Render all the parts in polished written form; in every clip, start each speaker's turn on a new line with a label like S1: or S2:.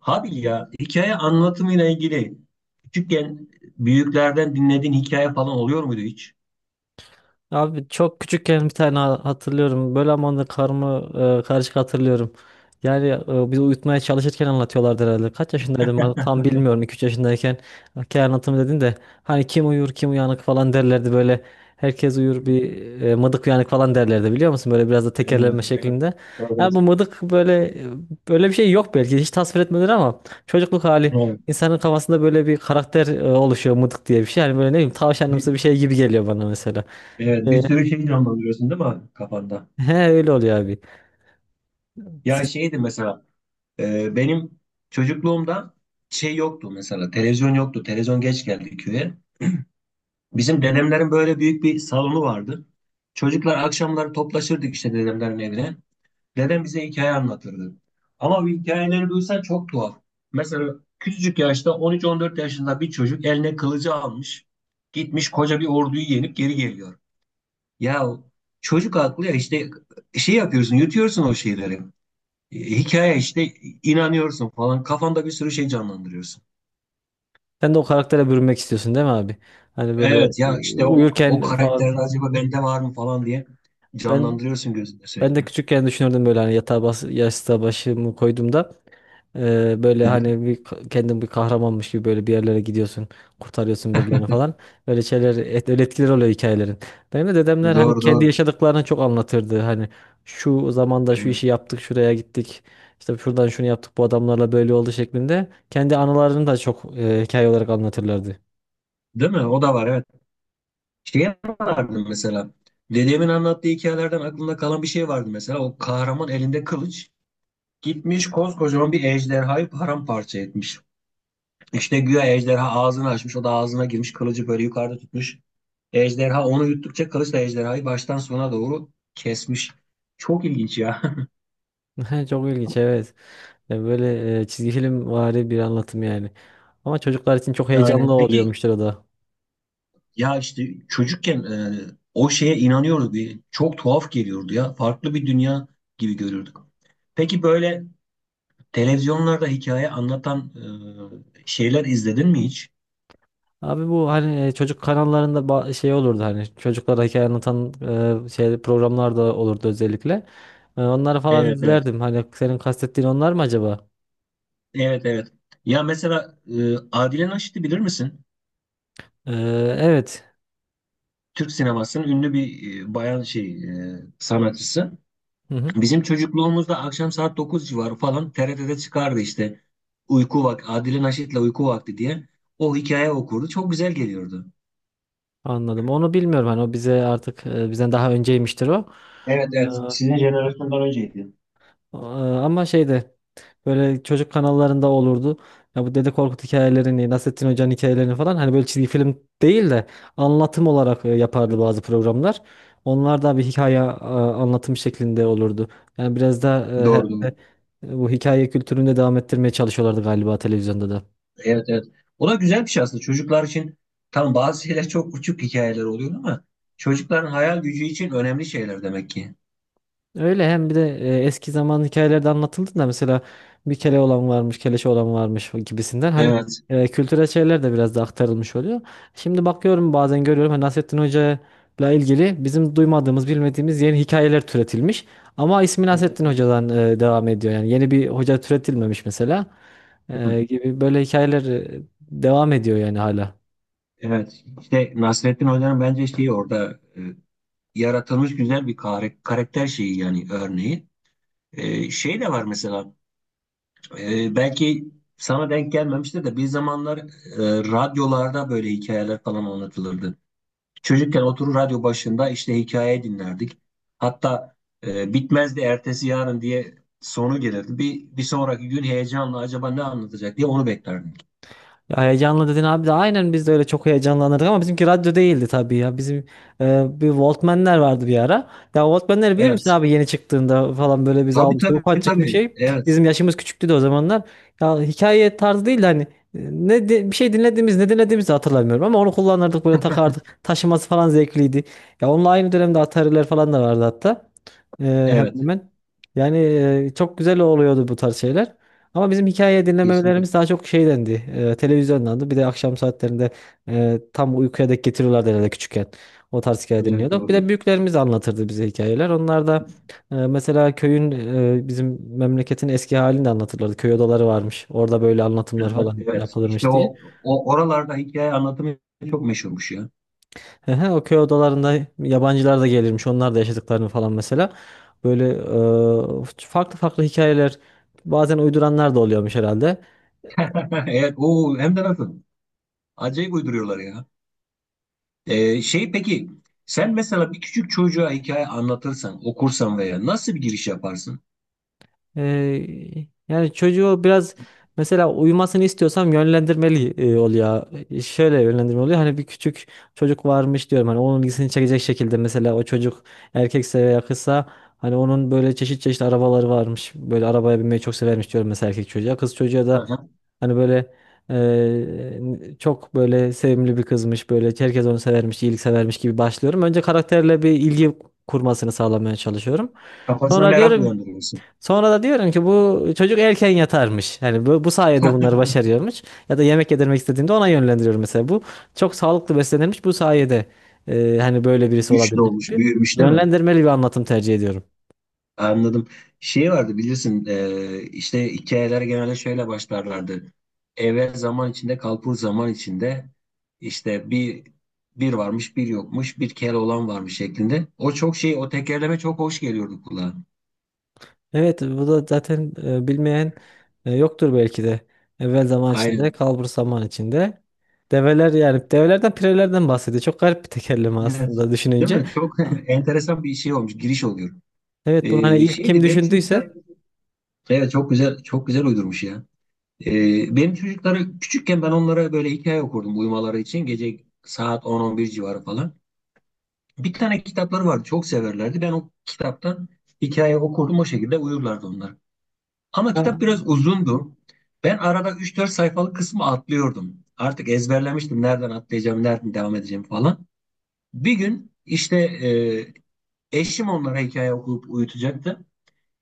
S1: Habil, ya hikaye anlatımıyla ilgili küçükken büyüklerden dinlediğin hikaye falan oluyor muydu hiç?
S2: Abi çok küçükken bir tane hatırlıyorum. Böyle ama onu da karışık hatırlıyorum. Yani bizi uyutmaya çalışırken anlatıyorlardı herhalde. Kaç yaşındaydım abi? Tam bilmiyorum. 2-3 yaşındayken hikaye anlatımı dedin de hani kim uyur kim uyanık falan derlerdi böyle. Herkes uyur bir mıdık uyanık falan derlerdi biliyor musun? Böyle biraz da
S1: Evet,
S2: tekerleme
S1: evet.
S2: şeklinde. Yani
S1: Evet.
S2: bu mıdık böyle bir şey yok, belki hiç tasvir etmediler ama çocukluk hali
S1: Evet.
S2: insanın kafasında böyle bir karakter oluşuyor, mıdık diye bir şey. Yani böyle ne bileyim,
S1: Bir,
S2: tavşanımsı bir şey gibi geliyor bana mesela.
S1: evet, bir
S2: E,
S1: sürü şey canlandırıyorsun değil mi abi kafanda?
S2: He, öyle oluyor abi.
S1: Ya
S2: Siz,
S1: şeydi mesela, benim çocukluğumda şey yoktu mesela, televizyon yoktu. Televizyon geç geldi köye. Bizim dedemlerin böyle büyük bir salonu vardı. Çocuklar akşamları toplaşırdık işte dedemlerin evine. Dedem bize hikaye anlatırdı. Ama bu hikayeleri duysan çok tuhaf. Mesela küçücük yaşta 13-14 yaşında bir çocuk eline kılıcı almış. Gitmiş koca bir orduyu yenip geri geliyor. Ya çocuk aklı ya işte, şey yapıyorsun, yutuyorsun o şeyleri. Hikaye işte, inanıyorsun falan, kafanda bir sürü şey canlandırıyorsun.
S2: Sen de o karaktere bürünmek istiyorsun değil mi abi? Hani böyle
S1: Evet, ya işte o
S2: uyurken
S1: karakter
S2: falan.
S1: acaba bende var mı falan diye
S2: Ben
S1: canlandırıyorsun gözünde
S2: Ben de
S1: sürekli.
S2: küçükken düşünürdüm böyle, hani yatağa bas, yastığa başımı koyduğumda, böyle
S1: Yani,
S2: hani bir kendin bir kahramanmış gibi böyle bir yerlere gidiyorsun, kurtarıyorsun birilerini falan. Böyle şeyler, öyle etkileri oluyor hikayelerin. Benim de dedemler hani
S1: doğru
S2: kendi
S1: doğru.
S2: yaşadıklarını çok anlatırdı. Hani şu zamanda şu
S1: Evet.
S2: işi yaptık, şuraya gittik. İşte şuradan şunu yaptık, bu adamlarla böyle oldu şeklinde. Kendi anılarını da çok hikaye olarak anlatırlardı.
S1: Değil mi? O da var, evet. Şey vardı mesela. Dedemin anlattığı hikayelerden aklımda kalan bir şey vardı mesela. O kahraman elinde kılıç gitmiş, koskocaman bir ejderhayı paramparça etmiş. İşte güya ejderha ağzını açmış. O da ağzına girmiş, kılıcı böyle yukarıda tutmuş. Ejderha onu yuttukça kılıç da ejderhayı baştan sona doğru kesmiş. Çok ilginç ya.
S2: Çok ilginç, evet. Ya böyle çizgi film vari bir anlatım yani. Ama çocuklar için çok heyecanlı
S1: Aynen. Peki,
S2: oluyormuştur o da.
S1: ya işte çocukken o şeye inanıyorduk. Çok tuhaf geliyordu ya. Farklı bir dünya gibi görüyorduk. Peki, böyle televizyonlarda hikaye anlatan şeyler izledin mi hiç?
S2: Abi bu hani çocuk kanallarında şey olurdu, hani çocuklara hikaye anlatan şey programlar da olurdu özellikle. Onları falan
S1: Evet, evet.
S2: izlerdim. Hani senin kastettiğin onlar mı acaba?
S1: Evet, evet. Ya mesela, Adile Naşit'i bilir misin?
S2: E, evet.
S1: Türk sinemasının ünlü bir bayan şey, sanatçısı.
S2: Hı hı.
S1: Bizim çocukluğumuzda akşam saat 9 civarı falan TRT'de çıkardı işte. Uyku Vakti, Adile Naşit'le Uyku Vakti diye. O hikaye okurdu. Çok güzel geliyordu.
S2: Anladım. Onu bilmiyorum, hani o bize artık bizden daha önceymiştir o.
S1: Evet, evet. Sizin jenerasyondan önceydi.
S2: Aa, ama şeyde böyle çocuk kanallarında olurdu. Ya bu Dede Korkut hikayelerini, Nasrettin Hoca'nın hikayelerini falan hani böyle çizgi film değil de anlatım olarak yapardı
S1: Evet.
S2: bazı programlar. Onlar da bir hikaye anlatım şeklinde olurdu. Yani biraz da
S1: Doğru doğru.
S2: herhalde bu hikaye kültürünü de devam ettirmeye çalışıyorlardı galiba televizyonda da.
S1: Evet, evet. O da güzel bir şey aslında. Çocuklar için tam bazı şeyler çok uçuk hikayeler oluyor ama çocukların hayal gücü için önemli şeyler demek ki.
S2: Öyle, hem bir de eski zaman hikayelerde anlatıldı da mesela bir kele olan varmış, keleşe olan varmış gibisinden hani
S1: Evet.
S2: kültürel şeyler de biraz da aktarılmış oluyor. Şimdi bakıyorum bazen görüyorum, hani Nasrettin Hoca'yla ilgili bizim duymadığımız, bilmediğimiz yeni hikayeler türetilmiş. Ama ismi
S1: Evet,
S2: Nasrettin
S1: evet.
S2: Hoca'dan devam ediyor. Yani yeni bir hoca türetilmemiş mesela. Gibi böyle hikayeler devam ediyor yani hala.
S1: Evet. İşte Nasrettin Hoca'nın bence şeyi orada yaratılmış güzel bir karakter şeyi, yani örneği. Şey de var mesela, belki sana denk gelmemiştir de bir zamanlar radyolarda böyle hikayeler falan anlatılırdı. Çocukken oturur radyo başında işte hikaye dinlerdik. Hatta bitmezdi, ertesi yarın diye sonu gelirdi. Bir sonraki gün heyecanla acaba ne anlatacak diye onu beklerdik.
S2: Ya heyecanlı dedin abi de aynen, biz de öyle çok heyecanlanırdık ama bizimki radyo değildi tabii ya. Bizim bir Walkman'ler vardı bir ara. Ya Walkman'leri bilir misin
S1: Evet.
S2: abi, yeni çıktığında falan böyle bizi
S1: Tabii,
S2: almıştı.
S1: tabii,
S2: Ufacık bir
S1: tabii.
S2: şey.
S1: Evet.
S2: Bizim yaşımız küçüktü de o zamanlar. Ya hikaye tarzı değil de hani bir şey dinlediğimiz, ne dinlediğimizi hatırlamıyorum ama onu kullanırdık, böyle takardık. Taşıması falan zevkliydi. Ya onunla aynı dönemde Atari'ler falan da vardı hatta. Ee, Hemen
S1: Evet.
S2: hemen. Yani çok güzel oluyordu bu tarz şeyler. Ama bizim hikaye
S1: Kesinlikle.
S2: dinlemelerimiz daha çok şeydendi. Televizyondandı. Bir de akşam saatlerinde tam uykuya dek getiriyorlardı herhalde küçükken. O tarz hikaye
S1: Evet,
S2: dinliyorduk. Bir
S1: doğrudur.
S2: de büyüklerimiz anlatırdı bize hikayeler. Onlar da mesela köyün bizim memleketin eski halini de anlatırlardı. Köy odaları varmış. Orada böyle anlatımlar
S1: Evet.
S2: falan
S1: Evet. İşte
S2: yapılırmış diye.
S1: o oralarda hikaye anlatımı çok meşhurmuş ya.
S2: Ehe, o köy odalarında yabancılar da gelirmiş. Onlar da yaşadıklarını falan mesela. Böyle farklı farklı hikayeler, bazen uyduranlar da oluyormuş herhalde.
S1: Evet, o hem de nasıl? Acayip uyduruyorlar ya. Şey, peki, sen mesela bir küçük çocuğa hikaye anlatırsan, okursan veya nasıl bir giriş yaparsın?
S2: Ee, Yani çocuğu biraz, mesela uyumasını istiyorsam yönlendirmeli oluyor. E, şöyle yönlendirme oluyor. Hani bir küçük çocuk varmış diyorum. Hani onun ilgisini çekecek şekilde, mesela o çocuk erkekse veya kızsa, hani onun böyle çeşit çeşit arabaları varmış. Böyle arabaya binmeyi çok severmiş diyorum mesela erkek çocuğa. Kız çocuğa da hani böyle çok böyle sevimli bir kızmış. Böyle herkes onu severmiş, iyilik severmiş gibi başlıyorum. Önce karakterle bir ilgi kurmasını sağlamaya çalışıyorum.
S1: Kafasına
S2: Sonra
S1: merak
S2: diyorum
S1: uyandırıyorsun.
S2: Sonra da diyorum ki bu çocuk erken yatarmış. Yani bu sayede bunları başarıyormuş. Ya da yemek yedirmek istediğimde ona yönlendiriyorum mesela. Bu çok sağlıklı beslenirmiş. Bu sayede hani böyle birisi
S1: Güçlü
S2: olabilmiş
S1: olmuş,
S2: gibi,
S1: büyümüş değil mi?
S2: yönlendirmeli bir anlatım tercih ediyorum.
S1: Anladım. Şey vardı, bilirsin, işte hikayeler genelde şöyle başlarlardı. Evvel zaman içinde, kalbur zaman içinde, işte bir varmış, bir yokmuş, bir kere olan varmış şeklinde. O çok şey, o tekerleme çok hoş geliyordu kulağa.
S2: Evet, bu da zaten bilmeyen yoktur belki de. Evvel zaman içinde,
S1: Aynen.
S2: kalbur zaman içinde. Develer, yani develerden pirelerden bahsediyor. Çok garip bir tekerleme
S1: Evet.
S2: aslında
S1: Değil
S2: düşününce.
S1: mi? Çok enteresan bir şey olmuş, giriş oluyor.
S2: Evet, bunu hani ilk kim
S1: Şeydi benim çocuklar,
S2: düşündüyse.
S1: evet çok güzel çok güzel uydurmuş ya. Benim çocukları küçükken ben onlara böyle hikaye okurdum uyumaları için. Gece saat 10-11 civarı falan. Bir tane kitapları vardı. Çok severlerdi. Ben o kitaptan hikaye okurdum. O şekilde uyurlardı onlar. Ama kitap biraz uzundu. Ben arada üç dört sayfalık kısmı atlıyordum. Artık ezberlemiştim. Nereden atlayacağım, nereden devam edeceğim falan. Bir gün işte eşim onlara hikaye okuyup uyutacaktı.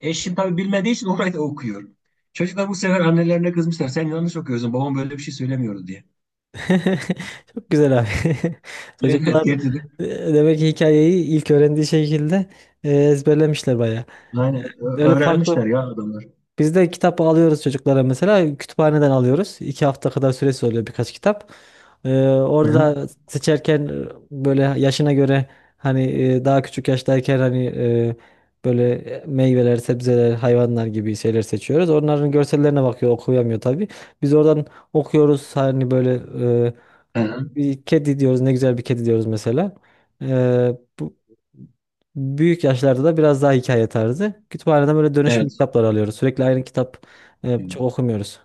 S1: Eşim tabii bilmediği için orayı da okuyor. Çocuklar bu sefer annelerine kızmışlar. Sen yanlış okuyorsun. Babam böyle bir şey söylemiyordu diye.
S2: Çok güzel abi.
S1: Evet,
S2: Çocuklar
S1: getirdik.
S2: e, demek ki hikayeyi ilk öğrendiği şekilde ezberlemişler bayağı.
S1: Aynen.
S2: Öyle farklı.
S1: Öğrenmişler ya adamlar.
S2: Biz de kitap alıyoruz çocuklara mesela. Kütüphaneden alıyoruz. İki hafta kadar süresi oluyor birkaç kitap. E,
S1: Hı
S2: orada
S1: hı.
S2: da seçerken böyle yaşına göre, hani daha küçük yaştayken hani böyle meyveler, sebzeler, hayvanlar gibi şeyler seçiyoruz. Onların görsellerine bakıyor, okuyamıyor tabii. Biz oradan okuyoruz, hani böyle e,
S1: Hı hı.
S2: bir kedi diyoruz, ne güzel bir kedi diyoruz mesela. Ee, Bu büyük yaşlarda da biraz daha hikaye tarzı. Kütüphaneden böyle dönüşüm
S1: Evet.
S2: kitaplar alıyoruz. Sürekli aynı kitap çok okumuyoruz.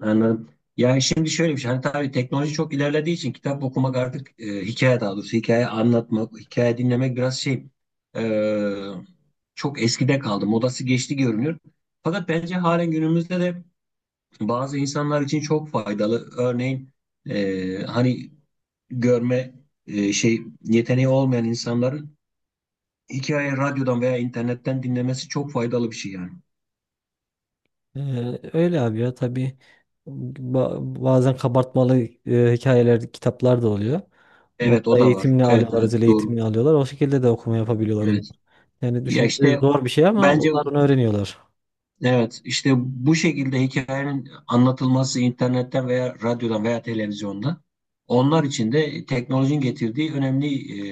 S1: Anladım. Ya şimdi şöyle bir şey. Hani tabii teknoloji çok ilerlediği için kitap okumak artık, hikaye, daha doğrusu hikaye anlatmak, hikaye dinlemek biraz şey, e, çok eskide kaldı. Modası geçti görünüyor. Fakat bence halen günümüzde de bazı insanlar için çok faydalı. Örneğin hani görme şey yeteneği olmayan insanların hikaye radyodan veya internetten dinlemesi çok faydalı bir şey yani.
S2: Öyle abi ya tabii. Bazen kabartmalı hikayeler, kitaplar da oluyor. Onu
S1: Evet, o
S2: da
S1: da var.
S2: eğitimini
S1: Evet,
S2: alıyorlar,
S1: evet,
S2: özel
S1: doğru.
S2: eğitimini alıyorlar. O şekilde de okuma yapabiliyorlar onlar.
S1: Evet.
S2: Yani
S1: Ya
S2: düşününce
S1: işte
S2: zor bir şey, ama
S1: bence,
S2: onlar onu öğreniyorlar.
S1: evet işte bu şekilde hikayenin anlatılması internetten veya radyodan veya televizyonda onlar için de teknolojinin getirdiği önemli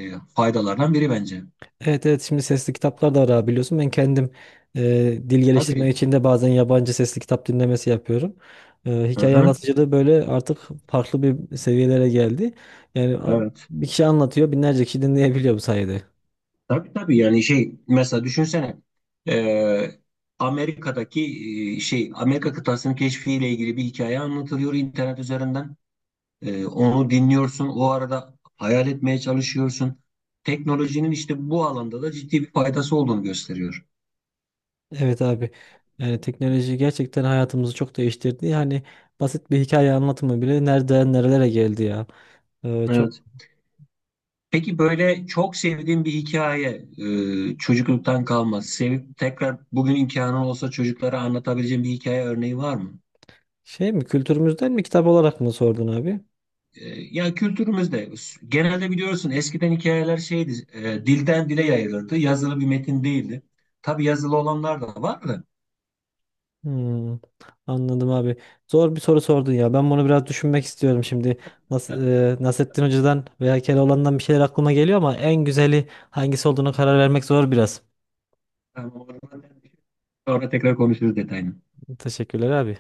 S1: faydalardan biri bence.
S2: Evet evet, şimdi sesli kitaplar da var abi biliyorsun. Ben kendim e, dil geliştirmek
S1: Tabii.
S2: için de bazen yabancı sesli kitap dinlemesi yapıyorum. E,
S1: Hı
S2: hikaye
S1: hı.
S2: anlatıcılığı böyle artık farklı bir seviyelere geldi. Yani
S1: Evet.
S2: bir kişi anlatıyor, binlerce kişi dinleyebiliyor bu sayede.
S1: Tabii, tabii, yani şey mesela düşünsene e, Amerika'daki, şey, Amerika kıtasının keşfiyle ilgili bir hikaye anlatılıyor internet üzerinden. Onu dinliyorsun. O arada hayal etmeye çalışıyorsun. Teknolojinin işte bu alanda da ciddi bir faydası olduğunu gösteriyor.
S2: Evet abi. Yani teknoloji gerçekten hayatımızı çok değiştirdi. Yani basit bir hikaye anlatımı bile nereden nerelere geldi ya. E, çok
S1: Evet. Peki, böyle çok sevdiğin bir hikaye, çocukluktan kalma, sevip tekrar bugün imkanın olsa çocuklara anlatabileceğin bir hikaye örneği var mı?
S2: şey mi, kültürümüzden mi, kitap olarak mı sordun abi?
S1: Ya kültürümüzde genelde biliyorsun eskiden hikayeler şeydi, dilden dile yayılırdı, yazılı bir metin değildi. Tabii yazılı olanlar da var da.
S2: Hmm, anladım abi. Zor bir soru sordun ya. Ben bunu biraz düşünmek istiyorum şimdi. Nasrettin Hoca'dan veya Keloğlan'dan bir şeyler aklıma geliyor, ama en güzeli hangisi olduğunu karar vermek zor biraz.
S1: Yani onlardan sonra tekrar konuşuruz detayını.
S2: Teşekkürler abi.